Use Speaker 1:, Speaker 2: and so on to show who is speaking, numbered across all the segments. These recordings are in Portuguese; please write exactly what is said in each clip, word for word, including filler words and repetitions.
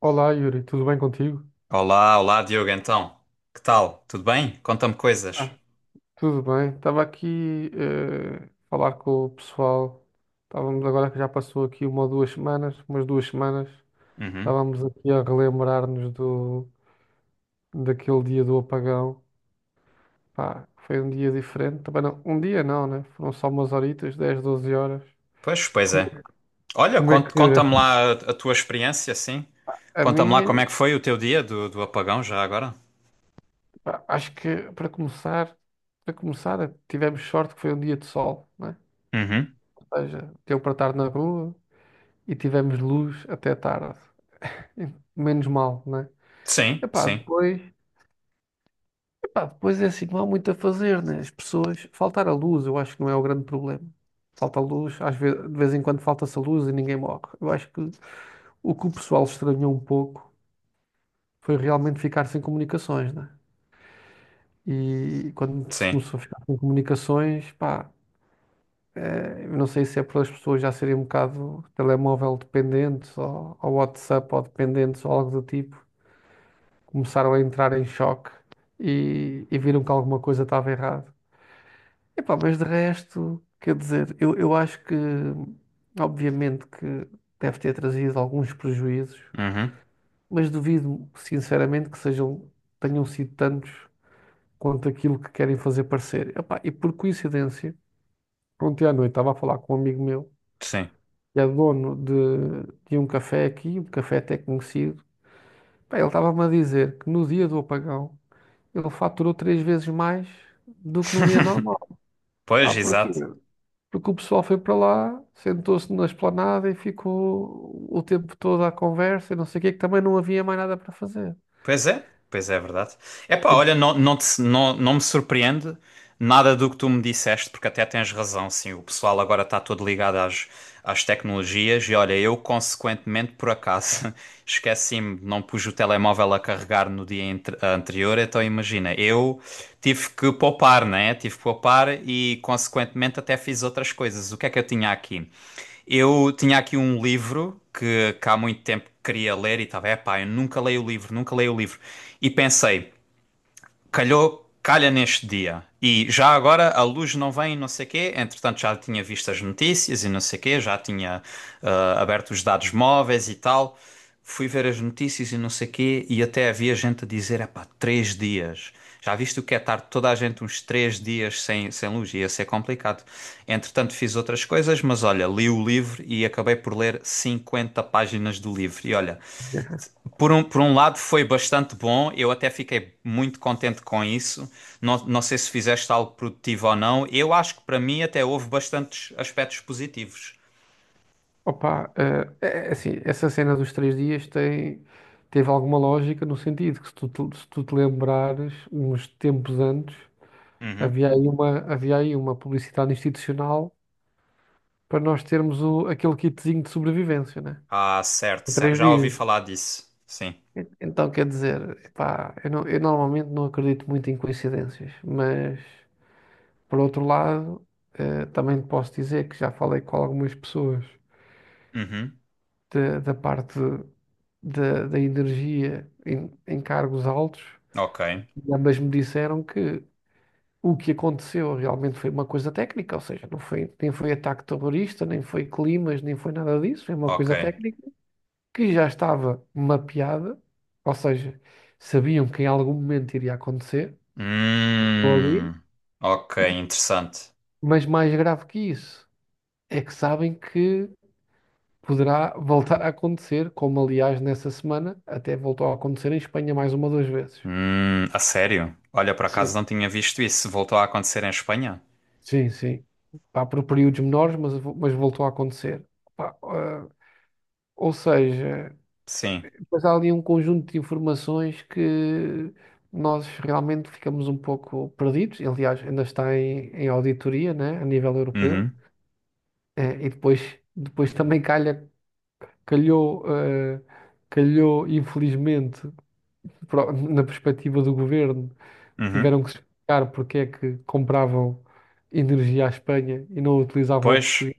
Speaker 1: Olá, Yuri, tudo bem contigo?
Speaker 2: Olá, olá, Diogo, então. Que tal? Tudo bem? Conta-me coisas.
Speaker 1: Ah, Tudo bem. Estava aqui eh, a falar com o pessoal. Estávamos agora que já passou aqui uma ou duas semanas, umas duas semanas.
Speaker 2: Uhum.
Speaker 1: Estávamos aqui a relembrar-nos do daquele dia do apagão. Pá, foi um dia diferente. Também não, um dia não, né? Foram só umas horitas, dez, doze horas.
Speaker 2: Pois, pois
Speaker 1: Como
Speaker 2: é.
Speaker 1: é, que-
Speaker 2: Olha,
Speaker 1: como é
Speaker 2: cont-
Speaker 1: que
Speaker 2: conta-me lá a, a tua experiência, sim.
Speaker 1: a
Speaker 2: Conta-me lá
Speaker 1: minha,
Speaker 2: como é que foi o teu dia do, do apagão, já agora.
Speaker 1: pá, acho que para começar, para começar, tivemos sorte que foi um dia de sol, né?
Speaker 2: Uhum.
Speaker 1: Ou seja, deu para estar na rua e tivemos luz até tarde. E menos mal, né?
Speaker 2: Sim,
Speaker 1: Epá,
Speaker 2: sim,
Speaker 1: depois, epá, depois é assim, não há muito a fazer, né? As pessoas, faltar a luz, eu acho que não é o grande problema. Falta a luz, às vezes, de vez em quando falta-se a luz e ninguém morre. Eu acho que o que o pessoal estranhou um pouco foi realmente ficar sem comunicações, né? E quando se
Speaker 2: sim.
Speaker 1: começou a ficar sem comunicações, pá, eh, eu não sei se é por as pessoas já serem um bocado telemóvel dependentes ou, ou WhatsApp ou dependentes ou algo do tipo. Começaram a entrar em choque e, e viram que alguma coisa estava errada. Epá, mas de resto, quer dizer, eu, eu acho que, obviamente, que deve ter trazido alguns prejuízos,
Speaker 2: Uhum.
Speaker 1: mas duvido, sinceramente, que sejam, tenham sido tantos quanto aquilo que querem fazer parecer. Epá, e por coincidência, ontem à noite estava a falar com um amigo meu,
Speaker 2: Sim.
Speaker 1: que é dono de, de um café aqui, um café até conhecido. Pá, ele estava-me a dizer que no dia do apagão ele faturou três vezes mais do que num dia normal. Ah,
Speaker 2: Pois,
Speaker 1: porquê?
Speaker 2: exato.
Speaker 1: Porque o pessoal foi para lá, sentou-se na esplanada e ficou o tempo todo à conversa e não sei o quê, que também não havia mais nada para fazer.
Speaker 2: Pois é, pois é, é verdade. Epá, olha,
Speaker 1: Ent-
Speaker 2: não, não, te- não, não me surpreende nada do que tu me disseste, porque até tens razão, sim. O pessoal agora está todo ligado às, às tecnologias e olha, eu consequentemente, por acaso, esqueci-me, não pus o telemóvel a carregar no dia entre- anterior, então imagina, eu tive que poupar, né? Tive que poupar e consequentemente até fiz outras coisas. O que é que eu tinha aqui? Eu tinha aqui um livro que, que há muito tempo queria ler e estava, é pá eu nunca leio o livro, nunca leio o livro. E pensei, calhou, calha neste dia. E já agora a luz não vem, não sei quê. Entretanto, já tinha visto as notícias e não sei quê, já tinha ah, aberto os dados móveis e tal. Fui ver as notícias e não sei quê, e até havia gente a dizer: epá, três dias. Já viste o que é estar toda a gente uns três dias sem, sem luz? Ia ser complicado. Entretanto, fiz outras coisas, mas olha, li o livro e acabei por ler cinquenta páginas do livro. E olha, por um, por um lado foi bastante bom, eu até fiquei muito contente com isso. Não, não sei se fizeste algo produtivo ou não. Eu acho que para mim até houve bastantes aspectos positivos.
Speaker 1: Opa, eh, é é assim, essa cena dos três dias tem, teve alguma lógica no sentido que se tu, te- se tu te lembrares, uns tempos antes,
Speaker 2: Uhum.
Speaker 1: havia aí uma, havia aí uma publicidade institucional para nós termos o, aquele kitzinho de sobrevivência, né?
Speaker 2: Ah, certo,
Speaker 1: Em
Speaker 2: certo.
Speaker 1: três
Speaker 2: Já ouvi
Speaker 1: dias.
Speaker 2: falar disso. Sim.
Speaker 1: E- Então quer dizer, epá, eu, não- eu normalmente não acredito muito em coincidências, mas por outro lado, eh, também te posso dizer que já falei com algumas pessoas
Speaker 2: Uhum.
Speaker 1: da da parte da da energia em, em cargos altos
Speaker 2: Ok,
Speaker 1: e ambas me disseram que o que aconteceu realmente foi uma coisa técnica, ou seja, não foi, nem foi ataque terrorista, nem foi climas, nem foi nada disso, foi uma
Speaker 2: ok.
Speaker 1: coisa técnica que já estava mapeada, ou seja, sabiam que em algum momento iria acontecer ali,
Speaker 2: Hum, ok,
Speaker 1: e-
Speaker 2: interessante.
Speaker 1: mas mais grave que isso é que sabem que poderá voltar a acontecer, como aliás nessa semana até voltou a acontecer em Espanha mais uma ou duas vezes.
Speaker 2: Hum, a sério? Olha, por acaso
Speaker 1: Sim.
Speaker 2: não tinha visto isso. Voltou a acontecer em Espanha?
Speaker 1: Sim, sim. Pá, por períodos menores, mas, vo- mas voltou a acontecer. Pá, ah, ou seja,
Speaker 2: Sim.
Speaker 1: depois há ali um conjunto de informações que nós realmente ficamos um pouco perdidos. E, aliás, ainda está em, em auditoria, né, a nível europeu.
Speaker 2: Uhum,
Speaker 1: Eh, e depois, depois também calha calhou, eh, calhou infelizmente, pro- na perspectiva do governo,
Speaker 2: uhum.
Speaker 1: tiveram que explicar porque é que compravam energia à Espanha e não utilizavam a
Speaker 2: Pois,
Speaker 1: portuguesa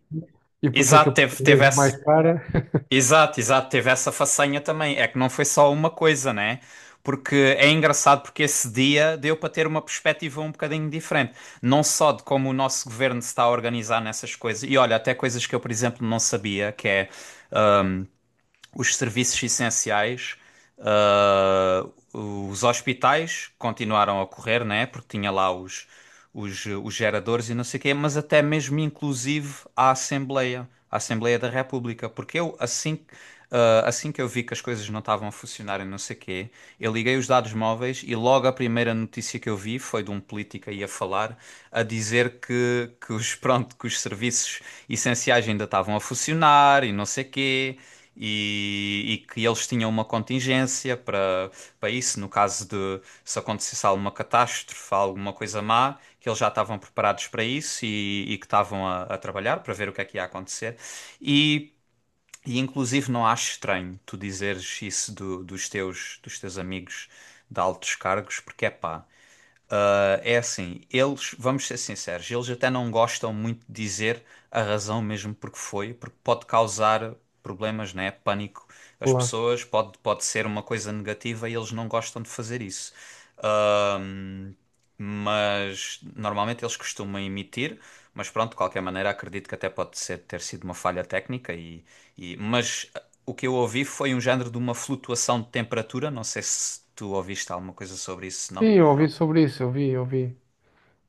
Speaker 1: e porque é que a
Speaker 2: exato, teve,
Speaker 1: portuguesa
Speaker 2: teve
Speaker 1: é mais
Speaker 2: essa.
Speaker 1: cara.
Speaker 2: Exato, exato, teve essa façanha também. É que não foi só uma coisa, né? Porque é engraçado porque esse dia deu para ter uma perspectiva um bocadinho diferente. Não só de como o nosso governo se está a organizar nessas coisas. E olha, até coisas que eu, por exemplo, não sabia, que é os serviços essenciais, ah, os hospitais continuaram a correr, né? Porque tinha lá os, os, os geradores e não sei o quê, mas até mesmo inclusive a Assembleia, a Assembleia da República, porque eu assim, que- ah, assim que eu vi que as coisas não estavam a funcionar e não sei o quê, eu liguei os dados móveis e logo a primeira notícia que eu vi foi de um político aí a falar, a dizer que, que os, pronto, que os serviços essenciais ainda estavam a funcionar e não sei o quê e, e que eles tinham uma contingência para, para isso, no caso de se acontecesse alguma catástrofe, alguma coisa má, que eles já estavam preparados para isso e, e que estavam a, a trabalhar para ver o que é que ia acontecer. E, e inclusive não acho estranho tu dizeres isso do- dos teus, dos teus amigos de altos cargos, porque é pá. Ah, é assim, eles, vamos ser sinceros, eles até não gostam muito de dizer a razão mesmo porque foi, porque pode causar problemas, né? Pânico às
Speaker 1: Claro.
Speaker 2: pessoas, pode, pode ser uma coisa negativa e eles não gostam de fazer isso. Ahm, mas normalmente eles costumam emitir, mas pronto, de qualquer maneira, acredito que até pode ser, ter sido uma falha técnica e, e- mas ah, o que eu ouvi foi um género de uma flutuação de temperatura, não sei se tu ouviste alguma coisa sobre isso, não?
Speaker 1: Sim, eu ouvi sobre isso, eu vi, eu vi.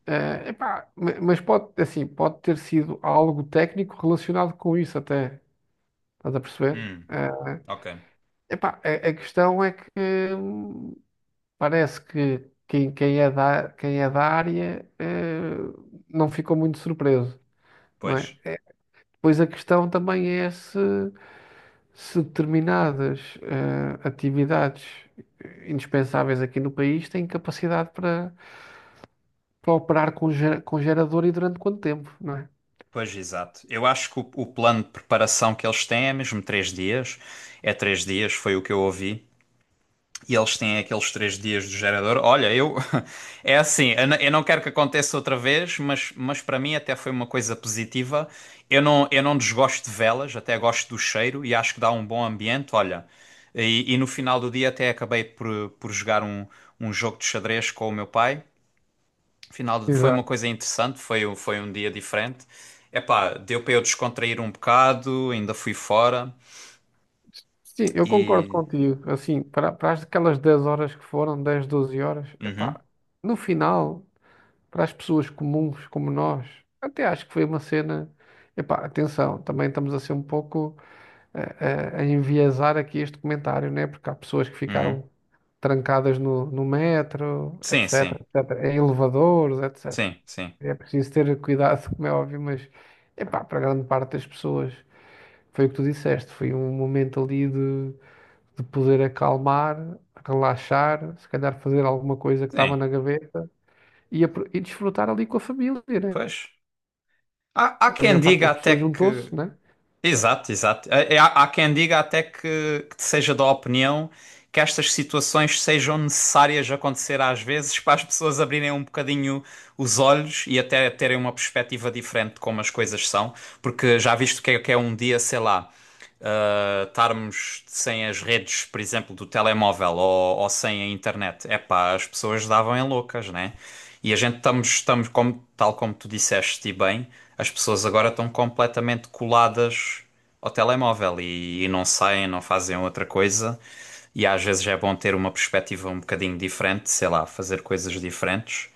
Speaker 1: Eh, epá, ma- mas pode, assim, pode ter sido algo técnico relacionado com isso até, estás a perceber?
Speaker 2: Hum.
Speaker 1: Eh,
Speaker 2: Ok,
Speaker 1: epá, a, a questão é que hum, parece que quem, quem é da, quem é da área eh, não ficou muito surpreso, não é?
Speaker 2: pois,
Speaker 1: Pois a questão também é se, se determinadas eh, atividades indispensáveis aqui no país têm capacidade para, para operar com, ge- com gerador e durante quanto tempo, não é?
Speaker 2: pois, exato. Eu acho que o, o plano de preparação que eles têm é mesmo três dias. É três dias, foi o que eu ouvi. E eles têm aqueles três dias do gerador. Olha, eu. É assim, eu n- eu não quero que aconteça outra vez, mas, mas para mim até foi uma coisa positiva. Eu não, eu não desgosto de velas, até gosto do cheiro e acho que dá um bom ambiente. Olha, e, e no final do dia até acabei por, por jogar um, um jogo de xadrez com o meu pai. Final de- foi uma
Speaker 1: Exato.
Speaker 2: coisa interessante, foi, um- foi um dia diferente. Epá, deu para eu descontrair um bocado, ainda fui fora
Speaker 1: Sim, eu concordo
Speaker 2: e.
Speaker 1: contigo. Assim, para, para as- aquelas dez horas que foram, dez, doze horas, epá,
Speaker 2: Uhum,
Speaker 1: no final, para as pessoas comuns como nós. Até acho que foi uma cena. Epá, atenção, também estamos a ser um pouco eh, eh, a, enviesar aqui este comentário, né? Porque há pessoas que
Speaker 2: uhum.
Speaker 1: ficaram trancadas no, no metro,
Speaker 2: Sim,
Speaker 1: etc,
Speaker 2: sim,
Speaker 1: etc, em elevadores, etcétera.
Speaker 2: sim, sim,
Speaker 1: É preciso ter cuidado, como é óbvio, mas epá, para grande parte das pessoas foi o que tu disseste, foi um momento ali de, de poder acalmar, relaxar, se calhar fazer alguma coisa que estava
Speaker 2: sim.
Speaker 1: na gaveta e, apro- e desfrutar ali com a família, né?
Speaker 2: Pois. Há, há
Speaker 1: A
Speaker 2: quem
Speaker 1: maior parte
Speaker 2: diga
Speaker 1: das
Speaker 2: até
Speaker 1: pessoas
Speaker 2: que.
Speaker 1: juntou-se, né?
Speaker 2: Exato, exato. É- é- Há, há quem diga até que, que seja da opinião que estas situações sejam necessárias acontecer às vezes para as pessoas abrirem um bocadinho os olhos e até terem uma perspectiva diferente de como as coisas são, porque já viste o que é, que é um dia, sei lá uh, estarmos sem as redes, por exemplo, do telemóvel ou, ou sem a internet, é pá, as pessoas davam em loucas, né? E a gente estamos, estamos como, tal como tu disseste e bem, as pessoas agora estão completamente coladas ao telemóvel e, e não saem, não fazem outra coisa. E às vezes é bom ter uma perspectiva um bocadinho diferente, sei lá, fazer coisas diferentes.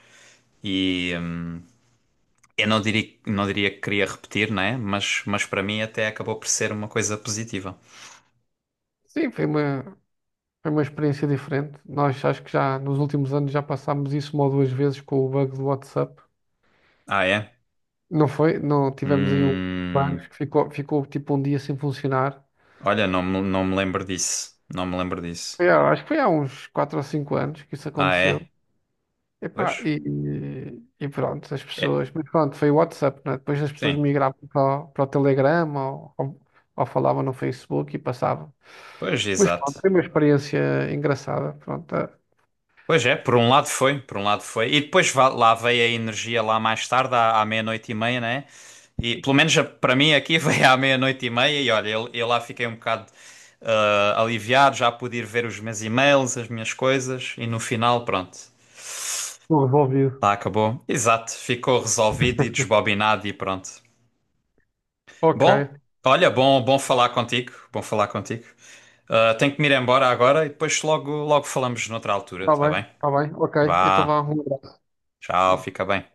Speaker 2: E hum, eu não diria, não diria que queria repetir, né? Mas, mas para mim até acabou por ser uma coisa positiva.
Speaker 1: Sim, foi uma, foi uma experiência diferente. Nós acho que já nos últimos anos já passámos isso uma ou duas vezes com o bug do WhatsApp.
Speaker 2: Ah, é?
Speaker 1: Não foi? Não tivemos aí um bug
Speaker 2: Hum,
Speaker 1: que ficou, ficou tipo um dia sem funcionar.
Speaker 2: olha, não, me- não me lembro disso. Não me lembro disso.
Speaker 1: Foi há- acho que foi há uns quatro ou cinco anos que isso
Speaker 2: Ah,
Speaker 1: aconteceu.
Speaker 2: é?
Speaker 1: Epá,
Speaker 2: Pois?
Speaker 1: e, e pronto, as
Speaker 2: É.
Speaker 1: pessoas. Mas pronto, foi o WhatsApp, né? Depois as pessoas
Speaker 2: Sim.
Speaker 1: migravam para, o- para o Telegram ou, ou, ou falavam no Facebook e passavam.
Speaker 2: Pois,
Speaker 1: Mas
Speaker 2: exato.
Speaker 1: pronto, foi uma experiência engraçada. Pronto, tá
Speaker 2: Pois é, por um lado foi, por um lado foi. E depois va- lá veio a energia lá mais tarde, à, à meia-noite e meia, né? E pelo menos a- para mim aqui veio à meia-noite e meia e olha, eu, eu lá fiquei um bocado ah, aliviado, já pude ir ver os meus e-mails, as minhas coisas e no final, pronto,
Speaker 1: tudo resolvido.
Speaker 2: lá acabou. Exato, ficou resolvido e desbobinado e pronto.
Speaker 1: Ok,
Speaker 2: Bom, olha, bom, bom falar contigo, bom falar contigo. Ah, tenho que me ir embora agora e depois logo, logo falamos noutra altura,
Speaker 1: está
Speaker 2: tá bem?
Speaker 1: bem, está bem, ok. Então
Speaker 2: Vá,
Speaker 1: vá, um
Speaker 2: tchau,
Speaker 1: abraço.
Speaker 2: fica bem.